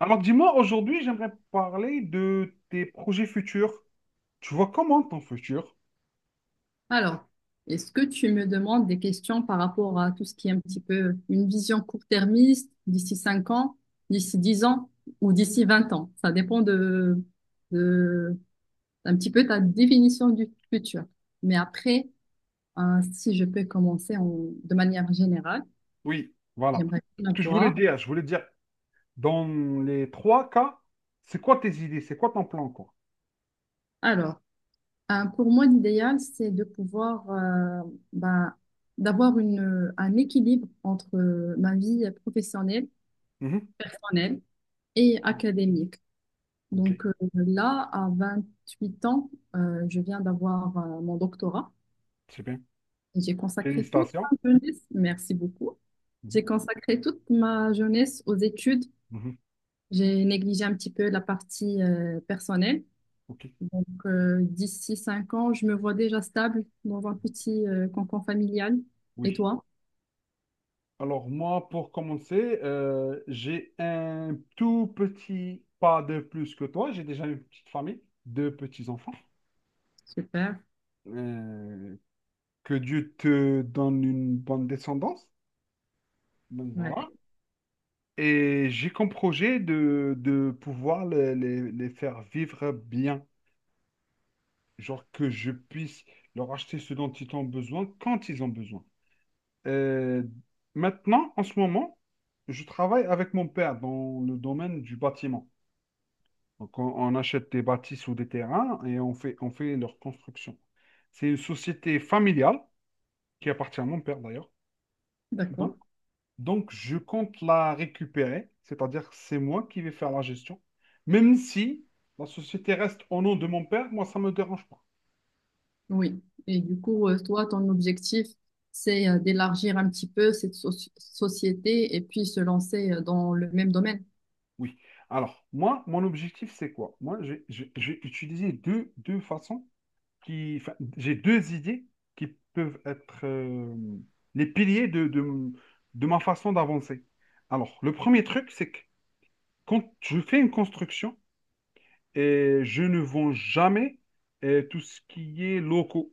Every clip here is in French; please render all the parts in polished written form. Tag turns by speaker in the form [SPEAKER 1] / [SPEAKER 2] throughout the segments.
[SPEAKER 1] Alors dis-moi, aujourd'hui, j'aimerais parler de tes projets futurs. Tu vois comment ton futur?
[SPEAKER 2] Alors, est-ce que tu me demandes des questions par rapport à tout ce qui est un petit peu une vision court-termiste d'ici 5 ans, d'ici 10 ans ou d'ici 20 ans? Ça dépend de un petit peu ta définition du futur. Mais après, si je peux de manière générale,
[SPEAKER 1] Oui, voilà.
[SPEAKER 2] j'aimerais bien
[SPEAKER 1] Ce que je voulais
[SPEAKER 2] avoir.
[SPEAKER 1] dire, dans les trois cas, c'est quoi tes idées? C'est quoi ton plan, quoi?
[SPEAKER 2] Alors, pour moi, l'idéal, c'est de pouvoir ben, d'avoir un équilibre entre ma vie professionnelle,
[SPEAKER 1] Mhm.
[SPEAKER 2] personnelle et académique.
[SPEAKER 1] Ok,
[SPEAKER 2] Donc là, à 28 ans, je viens d'avoir mon doctorat.
[SPEAKER 1] c'est bien.
[SPEAKER 2] Et j'ai consacré toute
[SPEAKER 1] Félicitations.
[SPEAKER 2] ma jeunesse, merci beaucoup.
[SPEAKER 1] Mhm.
[SPEAKER 2] J'ai consacré toute ma jeunesse aux études.
[SPEAKER 1] Mhm.
[SPEAKER 2] J'ai négligé un petit peu la partie personnelle.
[SPEAKER 1] Ok,
[SPEAKER 2] Donc d'ici 5 ans, je me vois déjà stable dans un petit cocon familial. Et
[SPEAKER 1] oui.
[SPEAKER 2] toi?
[SPEAKER 1] Alors moi, pour commencer, j'ai un tout petit pas de plus que toi. J'ai déjà une petite famille, deux petits-enfants.
[SPEAKER 2] Super.
[SPEAKER 1] Euh, que Dieu te donne une bonne descendance. Donc
[SPEAKER 2] Ouais,
[SPEAKER 1] voilà. Et j'ai comme projet de pouvoir les faire vivre bien. Genre que je puisse leur acheter ce dont ils ont besoin quand ils ont besoin. Euh, maintenant, en ce moment, je travaille avec mon père dans le domaine du bâtiment. Donc, on achète des bâtisses ou des terrains et on fait leur construction. C'est une société familiale qui appartient à mon père d'ailleurs. Donc,
[SPEAKER 2] d'accord.
[SPEAKER 1] donc, je compte la récupérer, c'est-à-dire que c'est moi qui vais faire la gestion. Même si la société reste au nom de mon père, moi, ça ne me dérange pas.
[SPEAKER 2] Oui, et du coup, toi, ton objectif, c'est d'élargir un petit peu cette société et puis se lancer dans le même domaine.
[SPEAKER 1] Oui. Alors, moi, mon objectif, c'est quoi? Moi, j'ai utilisé deux façons qui, enfin, j'ai deux idées qui peuvent être les piliers de ma façon d'avancer. Alors, le premier truc, c'est que quand je fais une construction, et je ne vends jamais tout ce qui est locaux.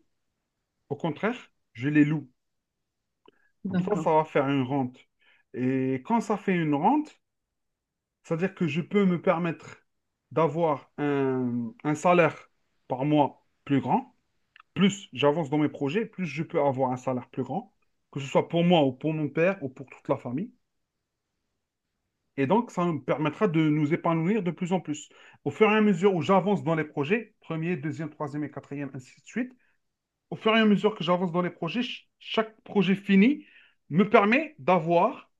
[SPEAKER 1] Au contraire, je les loue. Comme ça,
[SPEAKER 2] D'accord.
[SPEAKER 1] ça va faire une rente. Et quand ça fait une rente, c'est-à-dire que je peux me permettre d'avoir un salaire par mois plus grand plus j'avance dans mes projets, plus je peux avoir un salaire plus grand, que ce soit pour moi ou pour mon père ou pour toute la famille. Et donc, ça me permettra de nous épanouir de plus en plus. Au fur et à mesure où j'avance dans les projets, premier, deuxième, troisième et quatrième, ainsi de suite, au fur et à mesure que j'avance dans les projets, chaque projet fini me permet d'avoir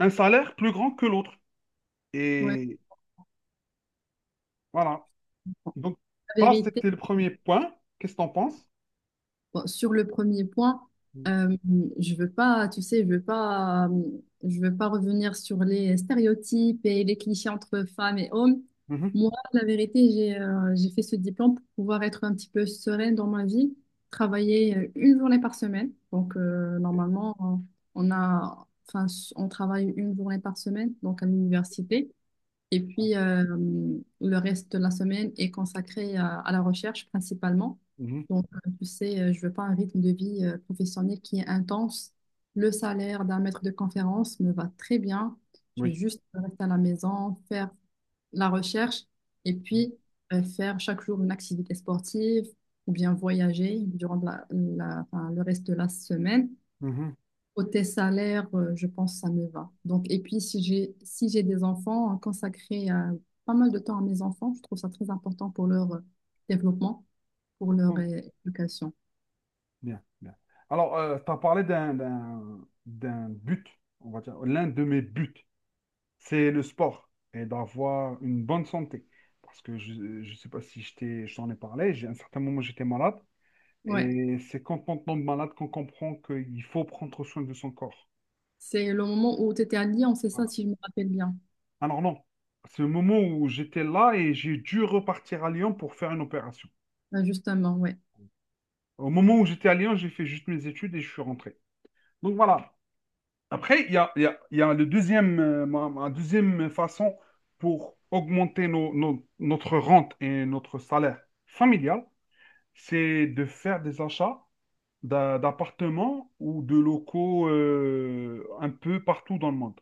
[SPEAKER 1] un salaire plus grand que l'autre.
[SPEAKER 2] Ouais.
[SPEAKER 1] Et voilà. Donc,
[SPEAKER 2] La
[SPEAKER 1] ça,
[SPEAKER 2] vérité.
[SPEAKER 1] c'était le premier point. Qu'est-ce que tu en penses?
[SPEAKER 2] Bon, sur le premier point, euh, je veux pas, tu sais, je veux pas revenir sur les stéréotypes et les clichés entre femmes et hommes.
[SPEAKER 1] Mhm,
[SPEAKER 2] Moi, la vérité, j'ai fait ce diplôme pour pouvoir être un petit peu sereine dans ma vie, travailler une journée par semaine. Donc, normalement, enfin, on travaille une journée par semaine, donc à l'université. Et puis, le reste de la semaine est consacré à la recherche principalement.
[SPEAKER 1] mhm,
[SPEAKER 2] Donc, tu sais, je veux pas un rythme de vie professionnel qui est intense. Le salaire d'un maître de conférence me va très bien. Je veux
[SPEAKER 1] oui.
[SPEAKER 2] juste rester à la maison, faire la recherche et puis faire chaque jour une activité sportive ou bien voyager durant enfin, le reste de la semaine.
[SPEAKER 1] Mhm,
[SPEAKER 2] Côté salaire, je pense que ça me va. Donc, et puis, si j'ai des enfants, consacrer pas mal de temps à mes enfants, je trouve ça très important pour leur développement, pour leur
[SPEAKER 1] mhm.
[SPEAKER 2] éducation.
[SPEAKER 1] Bien, bien. Alors, tu as parlé d'un but, on va dire, l'un de mes buts, c'est le sport et d'avoir une bonne santé. Parce que je ne sais pas si je t'en ai parlé, j'ai, à un certain moment, j'étais malade.
[SPEAKER 2] Ouais,
[SPEAKER 1] Et c'est quand on tombe malade qu'on comprend qu'il faut prendre soin de son corps.
[SPEAKER 2] c'est le moment où tu étais à Lyon, c'est ça,
[SPEAKER 1] Voilà.
[SPEAKER 2] si je me rappelle bien.
[SPEAKER 1] Alors non, c'est le moment où j'étais là et j'ai dû repartir à Lyon pour faire une opération.
[SPEAKER 2] Ouais, justement, ouais.
[SPEAKER 1] Au moment où j'étais à Lyon, j'ai fait juste mes études et je suis rentré. Donc voilà. Après, il y a le deuxième, ma deuxième façon pour augmenter notre rente et notre salaire familial, c'est de faire des achats d'appartements ou de locaux un peu partout dans le monde.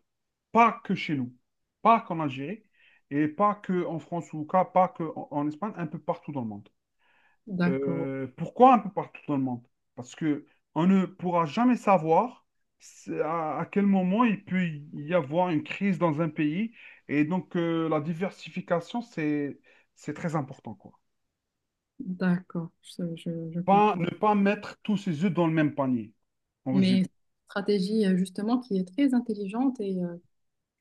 [SPEAKER 1] Pas que chez nous, pas qu'en Algérie et pas que en France pas que en Espagne, un peu partout dans le monde.
[SPEAKER 2] D'accord,
[SPEAKER 1] Pourquoi un peu partout dans le monde? Parce que on ne pourra jamais savoir c'est à quel moment il peut y avoir une crise dans un pays. Et donc, la diversification, c'est très important, quoi.
[SPEAKER 2] d'accord, je
[SPEAKER 1] Pas,
[SPEAKER 2] comprends.
[SPEAKER 1] ne pas mettre tous ses œufs dans le même panier, en résumé.
[SPEAKER 2] Mais stratégie, justement, qui est très intelligente et je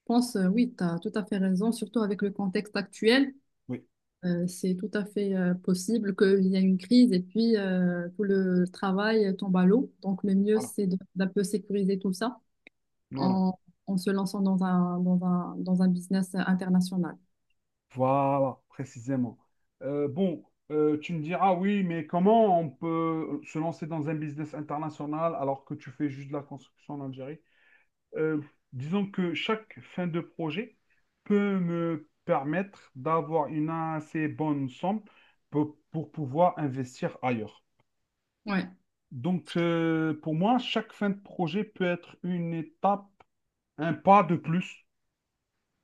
[SPEAKER 2] pense, oui, tu as tout à fait raison, surtout avec le contexte actuel.
[SPEAKER 1] Oui,
[SPEAKER 2] C'est tout à fait possible qu'il y ait une crise et puis tout le travail tombe à l'eau. Donc, le mieux,
[SPEAKER 1] voilà,
[SPEAKER 2] c'est d'un peu sécuriser tout ça
[SPEAKER 1] voilà,
[SPEAKER 2] en, en se lançant dans un business international.
[SPEAKER 1] voilà, précisément. Euh, bon, tu me diras, oui, mais comment on peut se lancer dans un business international alors que tu fais juste de la construction en Algérie? Euh, disons que chaque fin de projet peut me permettre d'avoir une assez bonne somme pour pouvoir investir ailleurs.
[SPEAKER 2] Ouais,
[SPEAKER 1] Donc, pour moi, chaque fin de projet peut être une étape, un pas de plus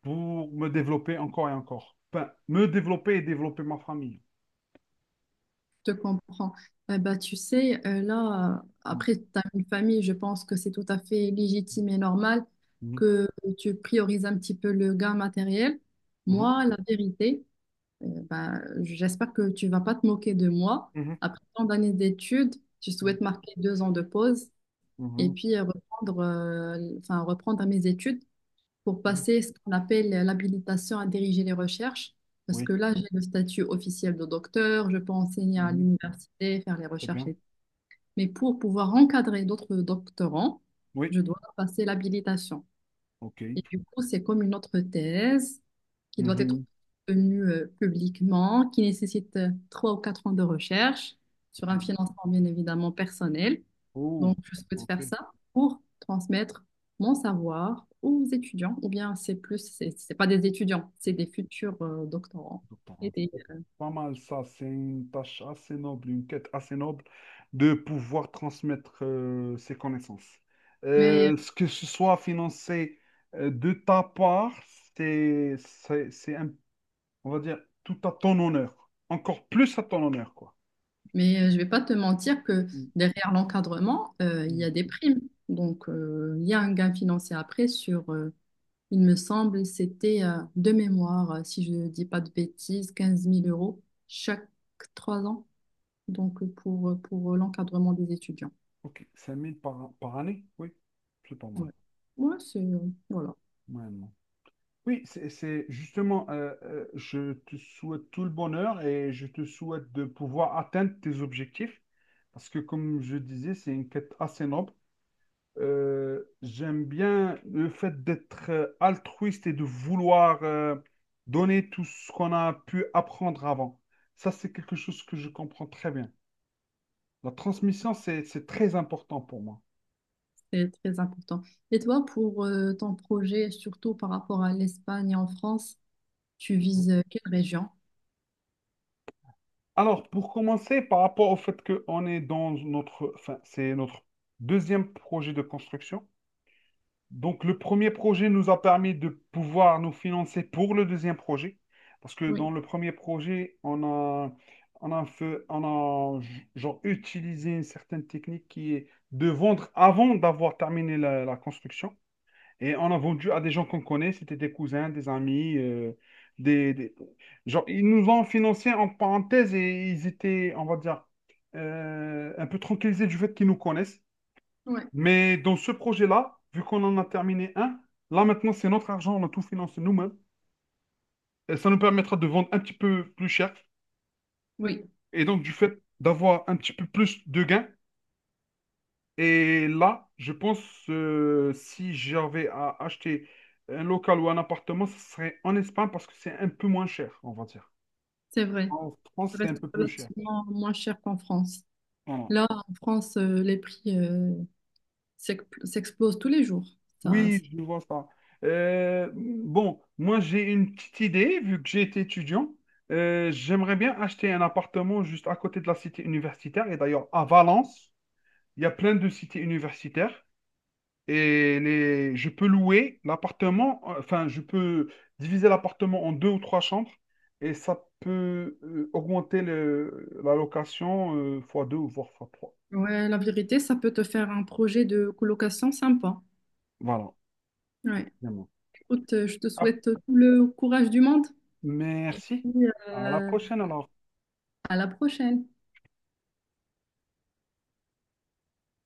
[SPEAKER 1] pour me développer encore et encore. Enfin, me développer et développer ma famille.
[SPEAKER 2] je te comprends. Eh ben, tu sais, là, après, tu as une famille, je pense que c'est tout à fait légitime et normal
[SPEAKER 1] Mhm,
[SPEAKER 2] que tu priorises un petit peu le gain matériel.
[SPEAKER 1] mhm,
[SPEAKER 2] Moi, la vérité, bah, j'espère que tu vas pas te moquer de moi.
[SPEAKER 1] mhm,
[SPEAKER 2] Après tant d'années d'études, je
[SPEAKER 1] mhm,
[SPEAKER 2] souhaite marquer 2 ans de pause et
[SPEAKER 1] mhm,
[SPEAKER 2] puis reprendre, enfin, reprendre à mes études pour
[SPEAKER 1] mhm.
[SPEAKER 2] passer ce qu'on appelle l'habilitation à diriger les recherches. Parce que
[SPEAKER 1] Oui,
[SPEAKER 2] là, j'ai le statut officiel de docteur, je peux enseigner à
[SPEAKER 1] mhm,
[SPEAKER 2] l'université, faire les
[SPEAKER 1] très
[SPEAKER 2] recherches.
[SPEAKER 1] bien.
[SPEAKER 2] Et- Mais pour pouvoir encadrer d'autres doctorants,
[SPEAKER 1] Oui,
[SPEAKER 2] je dois passer l'habilitation.
[SPEAKER 1] ok.
[SPEAKER 2] Et du coup, c'est comme une autre thèse qui doit être
[SPEAKER 1] Mhm,
[SPEAKER 2] tenue publiquement, qui nécessite 3 ou 4 ans de recherche sur un
[SPEAKER 1] mhm.
[SPEAKER 2] financement bien évidemment personnel. Donc,
[SPEAKER 1] Oh,
[SPEAKER 2] je souhaite
[SPEAKER 1] ok.
[SPEAKER 2] faire ça pour transmettre mon savoir aux étudiants, ou bien c'est plus, c'est pas des étudiants, c'est des futurs doctorants.
[SPEAKER 1] Bon,
[SPEAKER 2] Et des-
[SPEAKER 1] c'est pas mal ça, c'est une tâche assez noble, une quête assez noble de pouvoir transmettre ses connaissances.
[SPEAKER 2] Mais,
[SPEAKER 1] Ce que ce soit financé de ta part, c'est un- on va dire, tout à ton honneur. Encore plus à ton honneur, quoi.
[SPEAKER 2] mais je vais pas te mentir que
[SPEAKER 1] Mm,
[SPEAKER 2] derrière l'encadrement, il y
[SPEAKER 1] mm.
[SPEAKER 2] a des primes. Donc, il y a un gain financier après sur il me semble, c'était de mémoire, si je ne dis pas de bêtises, 15 000 euros chaque 3 ans, donc pour l'encadrement des étudiants.
[SPEAKER 1] Ok, 5000 par, par année, oui, c'est pas mal.
[SPEAKER 2] Ouais. Ouais, voilà,
[SPEAKER 1] Ouais, non. Oui, c'est justement, je te souhaite tout le bonheur et je te souhaite de pouvoir atteindre tes objectifs parce que, comme je disais, c'est une quête assez noble. J'aime bien le fait d'être altruiste et de vouloir donner tout ce qu'on a pu apprendre avant. Ça, c'est quelque chose que je comprends très bien. La transmission, c'est très important pour moi.
[SPEAKER 2] c'est très important. Et toi, pour ton projet, surtout par rapport à l'Espagne et en France, tu vises quelle région?
[SPEAKER 1] Alors, pour commencer, par rapport au fait qu'on est dans notre, enfin, c'est notre deuxième projet de construction. Donc, le premier projet nous a permis de pouvoir nous financer pour le deuxième projet. Parce que
[SPEAKER 2] Oui,
[SPEAKER 1] dans le premier projet, on a genre, utilisé une certaine technique qui est de vendre avant d'avoir terminé la construction. Et on a vendu à des gens qu'on connaît, c'était des cousins, des amis, des, des- genre, ils nous ont financé en parenthèse et ils étaient, on va dire, un peu tranquillisés du fait qu'ils nous connaissent.
[SPEAKER 2] ouais,
[SPEAKER 1] Mais dans ce projet-là, vu qu'on en a terminé un, là maintenant c'est notre argent, on a tout financé nous-mêmes. Et ça nous permettra de vendre un petit peu plus cher.
[SPEAKER 2] oui,
[SPEAKER 1] Et donc, du fait d'avoir un petit peu plus de gains, et là, je pense si j'avais à acheter un local ou un appartement, ce serait en Espagne parce que c'est un peu moins cher, on va dire.
[SPEAKER 2] c'est vrai.
[SPEAKER 1] En
[SPEAKER 2] Ça
[SPEAKER 1] France, c'est un
[SPEAKER 2] reste
[SPEAKER 1] peu plus cher.
[SPEAKER 2] relativement moins cher qu'en France.
[SPEAKER 1] Voilà.
[SPEAKER 2] Là, en France, les prix s'explosent tous les jours. Ça,
[SPEAKER 1] Oui, je vois ça. Bon, moi, j'ai une petite idée, vu que j'ai été étudiant. J'aimerais bien acheter un appartement juste à côté de la cité universitaire. Et d'ailleurs, à Valence, il y a plein de cités universitaires. Et les, je peux louer l'appartement, enfin, je peux diviser l'appartement en deux ou trois chambres et ça peut augmenter la location fois deux ou voire fois trois.
[SPEAKER 2] ouais, la vérité, ça peut te faire un projet de colocation sympa.
[SPEAKER 1] Voilà.
[SPEAKER 2] Ouais.
[SPEAKER 1] Vraiment.
[SPEAKER 2] Écoute, je te
[SPEAKER 1] Ah,
[SPEAKER 2] souhaite tout le courage du monde et
[SPEAKER 1] merci. À la
[SPEAKER 2] euh,
[SPEAKER 1] prochaine alors.
[SPEAKER 2] à la prochaine.